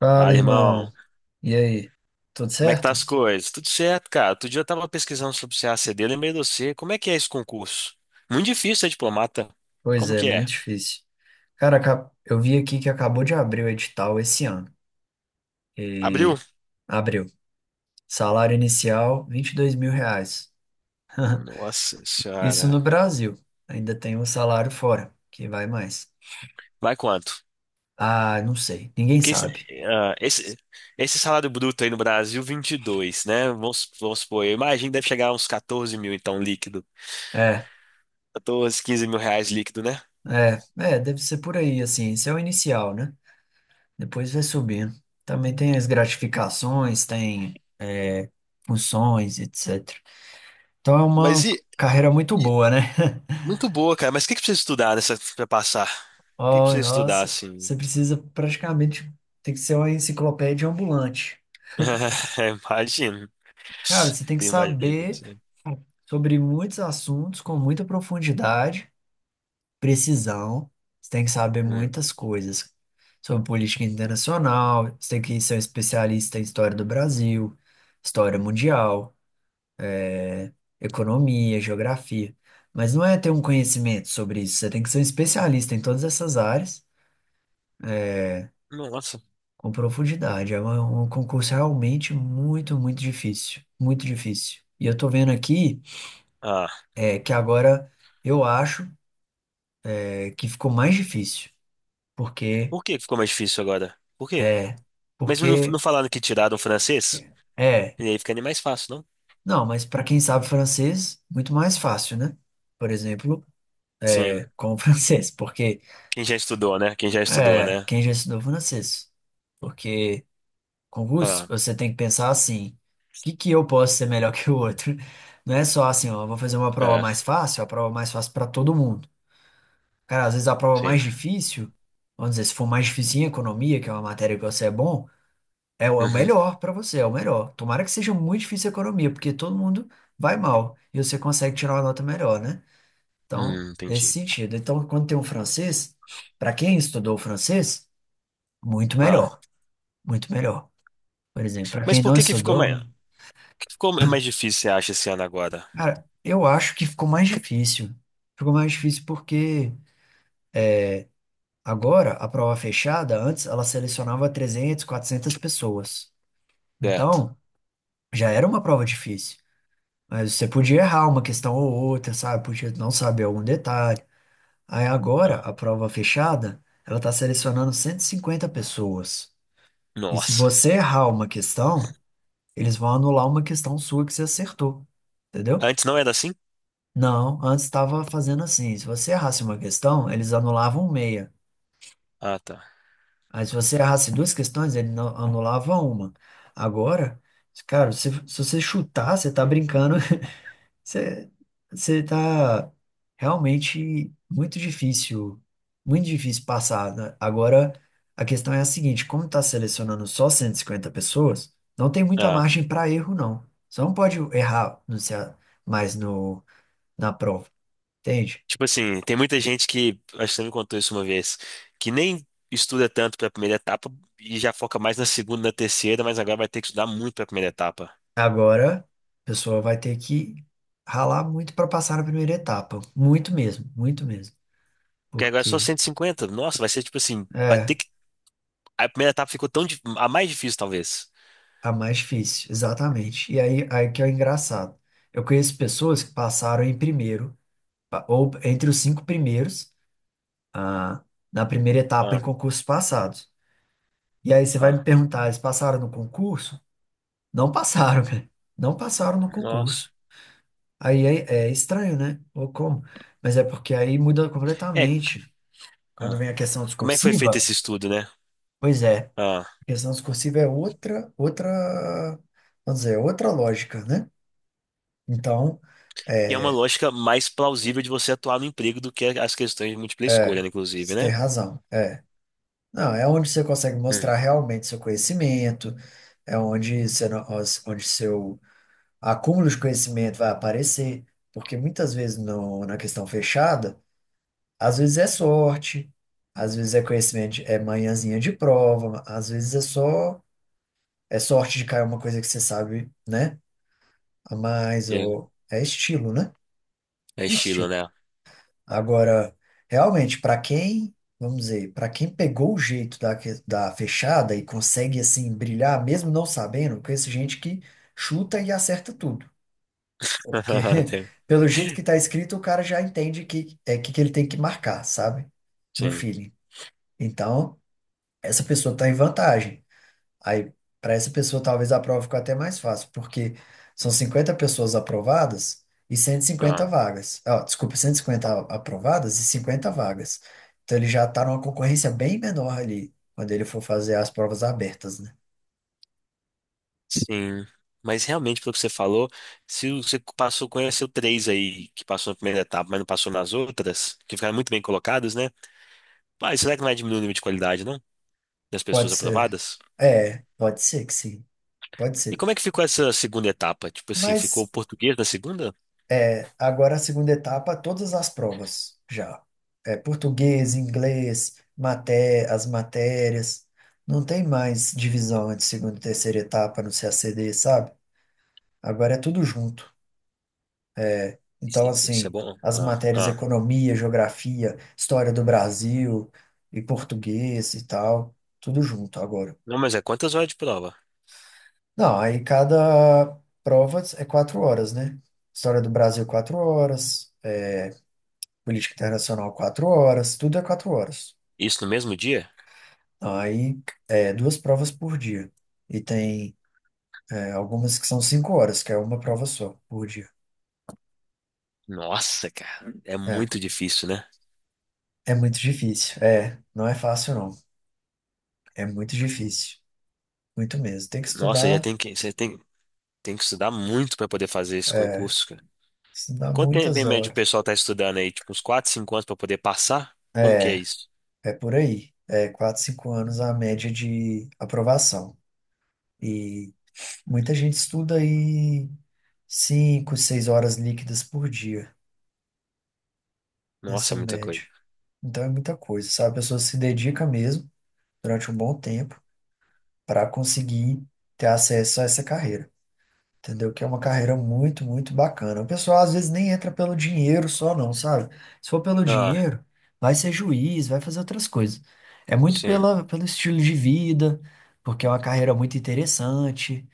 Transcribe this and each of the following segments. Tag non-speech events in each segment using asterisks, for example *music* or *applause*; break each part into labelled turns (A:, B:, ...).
A: Fala,
B: Fala,
A: irmão.
B: irmão.
A: E aí? Tudo
B: Como é que tá
A: certo?
B: as coisas? Tudo certo, cara. Outro dia eu tava pesquisando sobre o CACD, lembrei de você. Como é que é esse concurso? Muito difícil ser diplomata.
A: Pois
B: Como
A: é,
B: que é?
A: muito difícil. Cara, eu vi aqui que acabou de abrir o edital esse ano.
B: Abriu?
A: E abriu. Salário inicial, R$ 22.000.
B: Nossa
A: Isso
B: senhora.
A: no Brasil. Ainda tem um salário fora, que vai mais.
B: Vai quanto?
A: Ah, não sei. Ninguém
B: Porque
A: sabe.
B: ah, esse, esse salário bruto aí no Brasil, 22, né? Vamos supor, eu imagino que deve chegar a uns 14 mil, então, líquido.
A: É,
B: 14, 15 mil reais líquido, né?
A: é, deve ser por aí, assim. Esse é o inicial, né? Depois vai subindo. Também tem as gratificações, funções, etc. Então é
B: Mas
A: uma
B: e,
A: carreira muito
B: e-
A: boa, né?
B: muito boa, cara. Mas o que que precisa estudar nessa, pra passar? O que que
A: Oh,
B: precisa estudar,
A: nossa,
B: assim?
A: você precisa praticamente tem que ser uma enciclopédia ambulante.
B: *laughs* Imagino.
A: Cara,
B: *laughs*
A: você tem que
B: Imagina que
A: saber
B: sim.
A: sobre muitos assuntos com muita profundidade, precisão. Você tem que saber
B: Hum.
A: muitas coisas sobre política internacional, você tem que ser um especialista em história do Brasil, história mundial, é, economia, geografia. Mas não é ter um conhecimento sobre isso, você tem que ser um especialista em todas essas áreas
B: Nossa.
A: com profundidade. É um concurso realmente muito, muito difícil. Muito difícil. E eu tô vendo aqui
B: Ah,
A: que agora eu acho que ficou mais difícil. Porque
B: por que ficou mais difícil agora? Por quê?
A: é.
B: Mas não, não
A: Porque
B: falaram que tiraram o francês?
A: é.
B: E aí fica nem mais fácil, não?
A: Não, mas para quem sabe francês, muito mais fácil, né? Por exemplo,
B: Sim.
A: com o *laughs* francês. Porque
B: Quem já estudou, né? Quem já estudou,
A: é.
B: né?
A: Quem já estudou francês? Porque. Concurso,
B: Ah,
A: você tem que pensar assim: o que que eu posso ser melhor *laughs* que o outro? Não é só assim, ó, eu vou fazer uma prova
B: é,
A: mais fácil, a prova mais fácil para todo mundo. Cara, às vezes a prova
B: sim.
A: mais difícil, vamos dizer, se for mais difícil em economia, que é uma matéria que você é bom, é o
B: Uhum.
A: melhor para você, é o melhor. Tomara que seja muito difícil a economia, porque todo mundo vai mal e você consegue tirar uma nota melhor, né? Então, nesse
B: Entendi.
A: sentido. Então, quando tem um francês, para quem estudou francês, muito
B: Ah,
A: melhor, muito melhor. Por exemplo, para
B: mas
A: quem
B: por
A: não
B: que
A: estudou.
B: que ficou mais difícil, você acha, esse ano agora?
A: Cara, eu acho que ficou mais difícil. Ficou mais difícil porque agora a prova fechada, antes ela selecionava 300, 400 pessoas.
B: Certo.
A: Então, já era uma prova difícil. Mas você podia errar uma questão ou outra, sabe? Podia não saber algum detalhe. Aí agora,
B: Ah,
A: a prova fechada, ela tá selecionando 150 pessoas. E se
B: nossa.
A: você errar uma questão, eles vão anular uma questão sua que você acertou. Entendeu?
B: Antes não era assim?
A: Não, antes estava fazendo assim. Se você errasse uma questão, eles anulavam meia.
B: Ah, tá.
A: Aí se você errasse duas questões, ele anulava uma. Agora, cara, se você chutar, você tá brincando. *laughs* Você, você tá realmente muito difícil passar, né? Agora, a questão é a seguinte, como tá selecionando só 150 pessoas, não tem muita
B: Ah,
A: margem para erro, não. Você não pode errar no, C A mais no, na prova, entende?
B: tipo assim, tem muita gente que, acho que você me contou isso uma vez, que nem estuda tanto para a primeira etapa e já foca mais na segunda, na terceira, mas agora vai ter que estudar muito para a primeira etapa.
A: Agora, a pessoa vai ter que ralar muito para passar na primeira etapa. Muito mesmo, muito mesmo.
B: Porque agora é só
A: Porque
B: 150. Nossa, vai ser tipo assim, vai ter
A: é
B: que. A primeira etapa ficou tão dif- a mais difícil, talvez.
A: a mais difícil, exatamente. E aí que é o engraçado. Eu conheço pessoas que passaram em primeiro, ou entre os cinco primeiros, ah, na primeira etapa em
B: Ah,
A: concursos passados. E aí você vai me
B: ah,
A: perguntar, eles passaram no concurso? Não passaram, *laughs* cara. Não passaram no
B: nossa.
A: concurso. Aí é estranho, né? Ou como? Mas é porque aí muda
B: É,
A: completamente. Quando
B: ah,
A: vem a questão
B: como é que foi feito
A: discursiva,
B: esse estudo, né?
A: pois é,
B: Ah,
A: a questão discursiva é outra, outra, vamos dizer, outra lógica, né? Então,
B: e é uma
A: é,
B: lógica mais plausível de você atuar no emprego do que as questões de múltipla
A: é,
B: escolha, né, inclusive,
A: você tem
B: né?
A: razão, é. Não, é onde você consegue mostrar
B: Hum,
A: realmente seu conhecimento, é onde, você, não- os- onde seu acúmulo de conhecimento vai aparecer, porque muitas vezes no, na questão fechada, às vezes é sorte, às vezes é conhecimento, é manhãzinha de prova, às vezes é só é sorte de cair uma coisa que você sabe, né? A mais,
B: é,
A: ou É estilo, né?
B: é
A: É
B: estilo,
A: estilo.
B: né?
A: Agora, realmente, para quem, vamos dizer, para quem pegou o jeito da fechada e consegue, assim, brilhar, mesmo não sabendo, conheço gente que chuta e acerta tudo. Porque,
B: *laughs*
A: *laughs* pelo jeito que tá escrito, o cara já entende que é que ele tem que marcar, sabe? No
B: Sim.
A: feeling. Então, essa pessoa tá em vantagem. Aí, para essa pessoa, talvez a prova ficou até mais fácil, porque são 50 pessoas aprovadas e 150 vagas. Ó, desculpa, 150 aprovadas e 50 vagas. Então, ele já está numa concorrência bem menor ali, quando ele for fazer as provas abertas, né?
B: Sim. Mas realmente, pelo que você falou, se você passou, conheceu três aí que passou na primeira etapa, mas não passou nas outras, que ficaram muito bem colocadas, né? Mas será que não vai diminuir o nível de qualidade, não? Das
A: Pode
B: pessoas
A: ser.
B: aprovadas?
A: É, pode ser que sim. Pode
B: E como é
A: ser.
B: que ficou essa segunda etapa? Tipo assim, ficou o
A: Mas
B: português na segunda?
A: é, agora a segunda etapa, todas as provas já. É, português, inglês, maté as matérias. Não tem mais divisão entre segunda e terceira etapa no CACD, sabe? Agora é tudo junto. Então,
B: Isso é
A: assim,
B: bom?
A: as
B: Ah,
A: matérias
B: ah.
A: economia, geografia, história do Brasil e português e tal, tudo junto agora.
B: Não, mas é quantas horas de prova?
A: Não, aí cada prova é 4 horas, né? História do Brasil, 4 horas. Política internacional, 4 horas, tudo é 4 horas.
B: Isso no mesmo dia?
A: Aí, duas provas por dia. E tem, algumas que são 5 horas, que é uma prova só por dia.
B: Nossa, cara, é
A: É,
B: muito difícil, né?
A: é muito difícil. É, não é fácil, não. É muito difícil. Muito mesmo. Tem que
B: Nossa, já tem que estudar muito para poder fazer esse
A: é,
B: concurso.
A: estudar
B: Quanto tempo
A: muitas
B: em média o
A: horas.
B: pessoal tá estudando aí? Tipo, uns 4, 5 anos pra poder passar? Como que é
A: É,
B: isso?
A: é por aí. É 4, 5 anos a média de aprovação. E muita gente estuda aí 5, 6 horas líquidas por dia.
B: Nossa, é
A: Ensino
B: muita
A: médio.
B: coisa.
A: Então é muita coisa, sabe? A pessoa se dedica mesmo durante um bom tempo para conseguir ter acesso a essa carreira, entendeu? Que é uma carreira muito, muito bacana. O pessoal às vezes nem entra pelo dinheiro só, não, sabe? Se for pelo
B: Ah,
A: dinheiro, vai ser juiz, vai fazer outras coisas. É muito
B: sim. O
A: pela, pelo estilo de vida, porque é uma carreira muito interessante,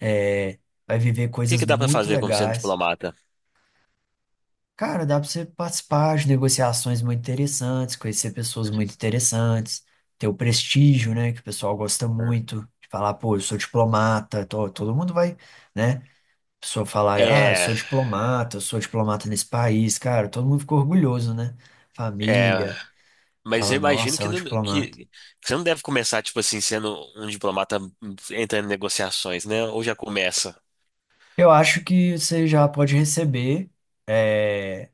A: é, vai viver
B: que
A: coisas
B: que dá pra
A: muito
B: fazer como sendo
A: legais.
B: diplomata?
A: Cara, dá pra você participar de negociações muito interessantes, conhecer pessoas muito interessantes, ter o prestígio, né, que o pessoal gosta
B: Ah.
A: muito, de falar, pô, eu sou diplomata, todo mundo vai, né? A pessoa falar, ah,
B: É,
A: eu sou diplomata nesse país, cara, todo mundo fica orgulhoso, né?
B: é,
A: Família,
B: mas eu
A: fala,
B: imagino
A: nossa, é
B: que,
A: um
B: não,
A: diplomata.
B: que você não deve começar, tipo assim, sendo um diplomata entrando em negociações, né? Ou já começa?
A: Eu acho que você já pode receber, é,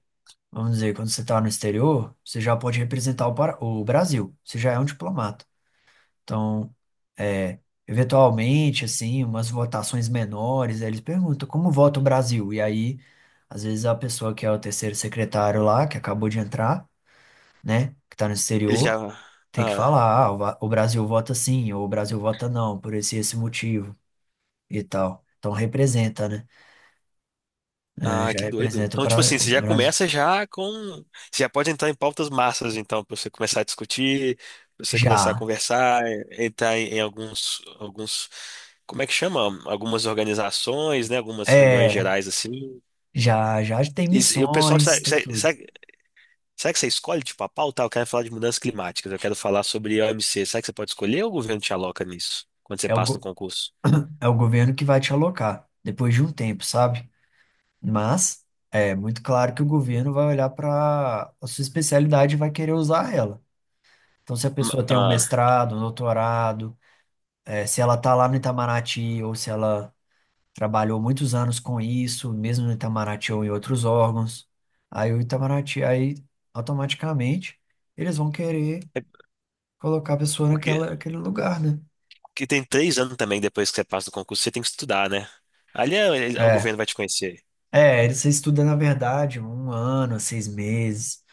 A: vamos dizer, quando você está no exterior, você já pode representar o Brasil, você já é um diplomata. Então, é, eventualmente, assim, umas votações menores, aí eles perguntam como vota o Brasil? E aí, às vezes, a pessoa que é o terceiro secretário lá, que acabou de entrar, né, que está no
B: Ele
A: exterior,
B: já.
A: tem que
B: Ah.
A: falar, ah, o Brasil vota sim, ou o Brasil vota não, por esse motivo e tal. Então, representa, né? É,
B: Ah,
A: já
B: que doido.
A: representa o
B: Então, tipo
A: Bra-
B: assim,
A: o
B: você já
A: Brasil.
B: começa já com. Você já pode entrar em pautas massas, então, para você começar a discutir, pra você começar a
A: Já,
B: conversar, entrar em alguns. Como é que chama? Algumas organizações, né? Algumas reuniões
A: é,
B: gerais, assim.
A: já, tem
B: E, e o pessoal,
A: missões,
B: sabe,
A: tem
B: sabe,
A: tudo.
B: sabe, será que você escolhe, tipo, a pauta? Ah, eu quero falar de mudanças climáticas, eu quero falar sobre o MC. Será que você pode escolher ou o governo te aloca nisso, quando você
A: É o,
B: passa no
A: go-
B: concurso?
A: é o governo que vai te alocar depois de um tempo, sabe? Mas é muito claro que o governo vai olhar para a sua especialidade e vai querer usar ela. Então, se a pessoa tem um
B: Ah,
A: mestrado, um doutorado, se ela está lá no Itamaraty ou se ela trabalhou muitos anos com isso, mesmo no Itamaraty ou em outros órgãos, aí o Itamaraty, aí automaticamente eles vão querer
B: é
A: colocar a pessoa
B: porque.
A: naquela, naquele lugar, né?
B: Que tem 3 anos também depois que você passa do concurso, você tem que estudar, né? Ali o
A: É,
B: governo vai te conhecer.
A: Você estuda, na verdade, um ano, 6 meses.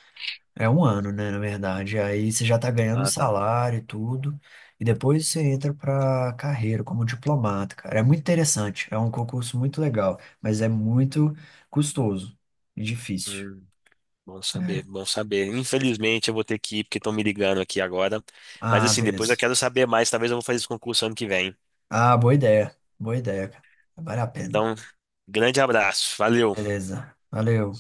A: É um ano, né, na verdade. Aí você já tá ganhando um
B: Ah, tá.
A: salário e tudo. E depois você entra pra carreira como diplomata, cara. É muito interessante. É um concurso muito legal, mas é muito custoso e difícil.
B: Hum, bom saber, bom saber. Infelizmente eu vou ter que ir porque estão me ligando aqui agora. Mas
A: Ah,
B: assim, depois eu
A: beleza.
B: quero saber mais. Talvez eu vou fazer esse concurso ano que vem.
A: Ah, boa ideia. Boa ideia, cara. Vale a pena.
B: Então, grande abraço. Valeu.
A: Beleza. Valeu.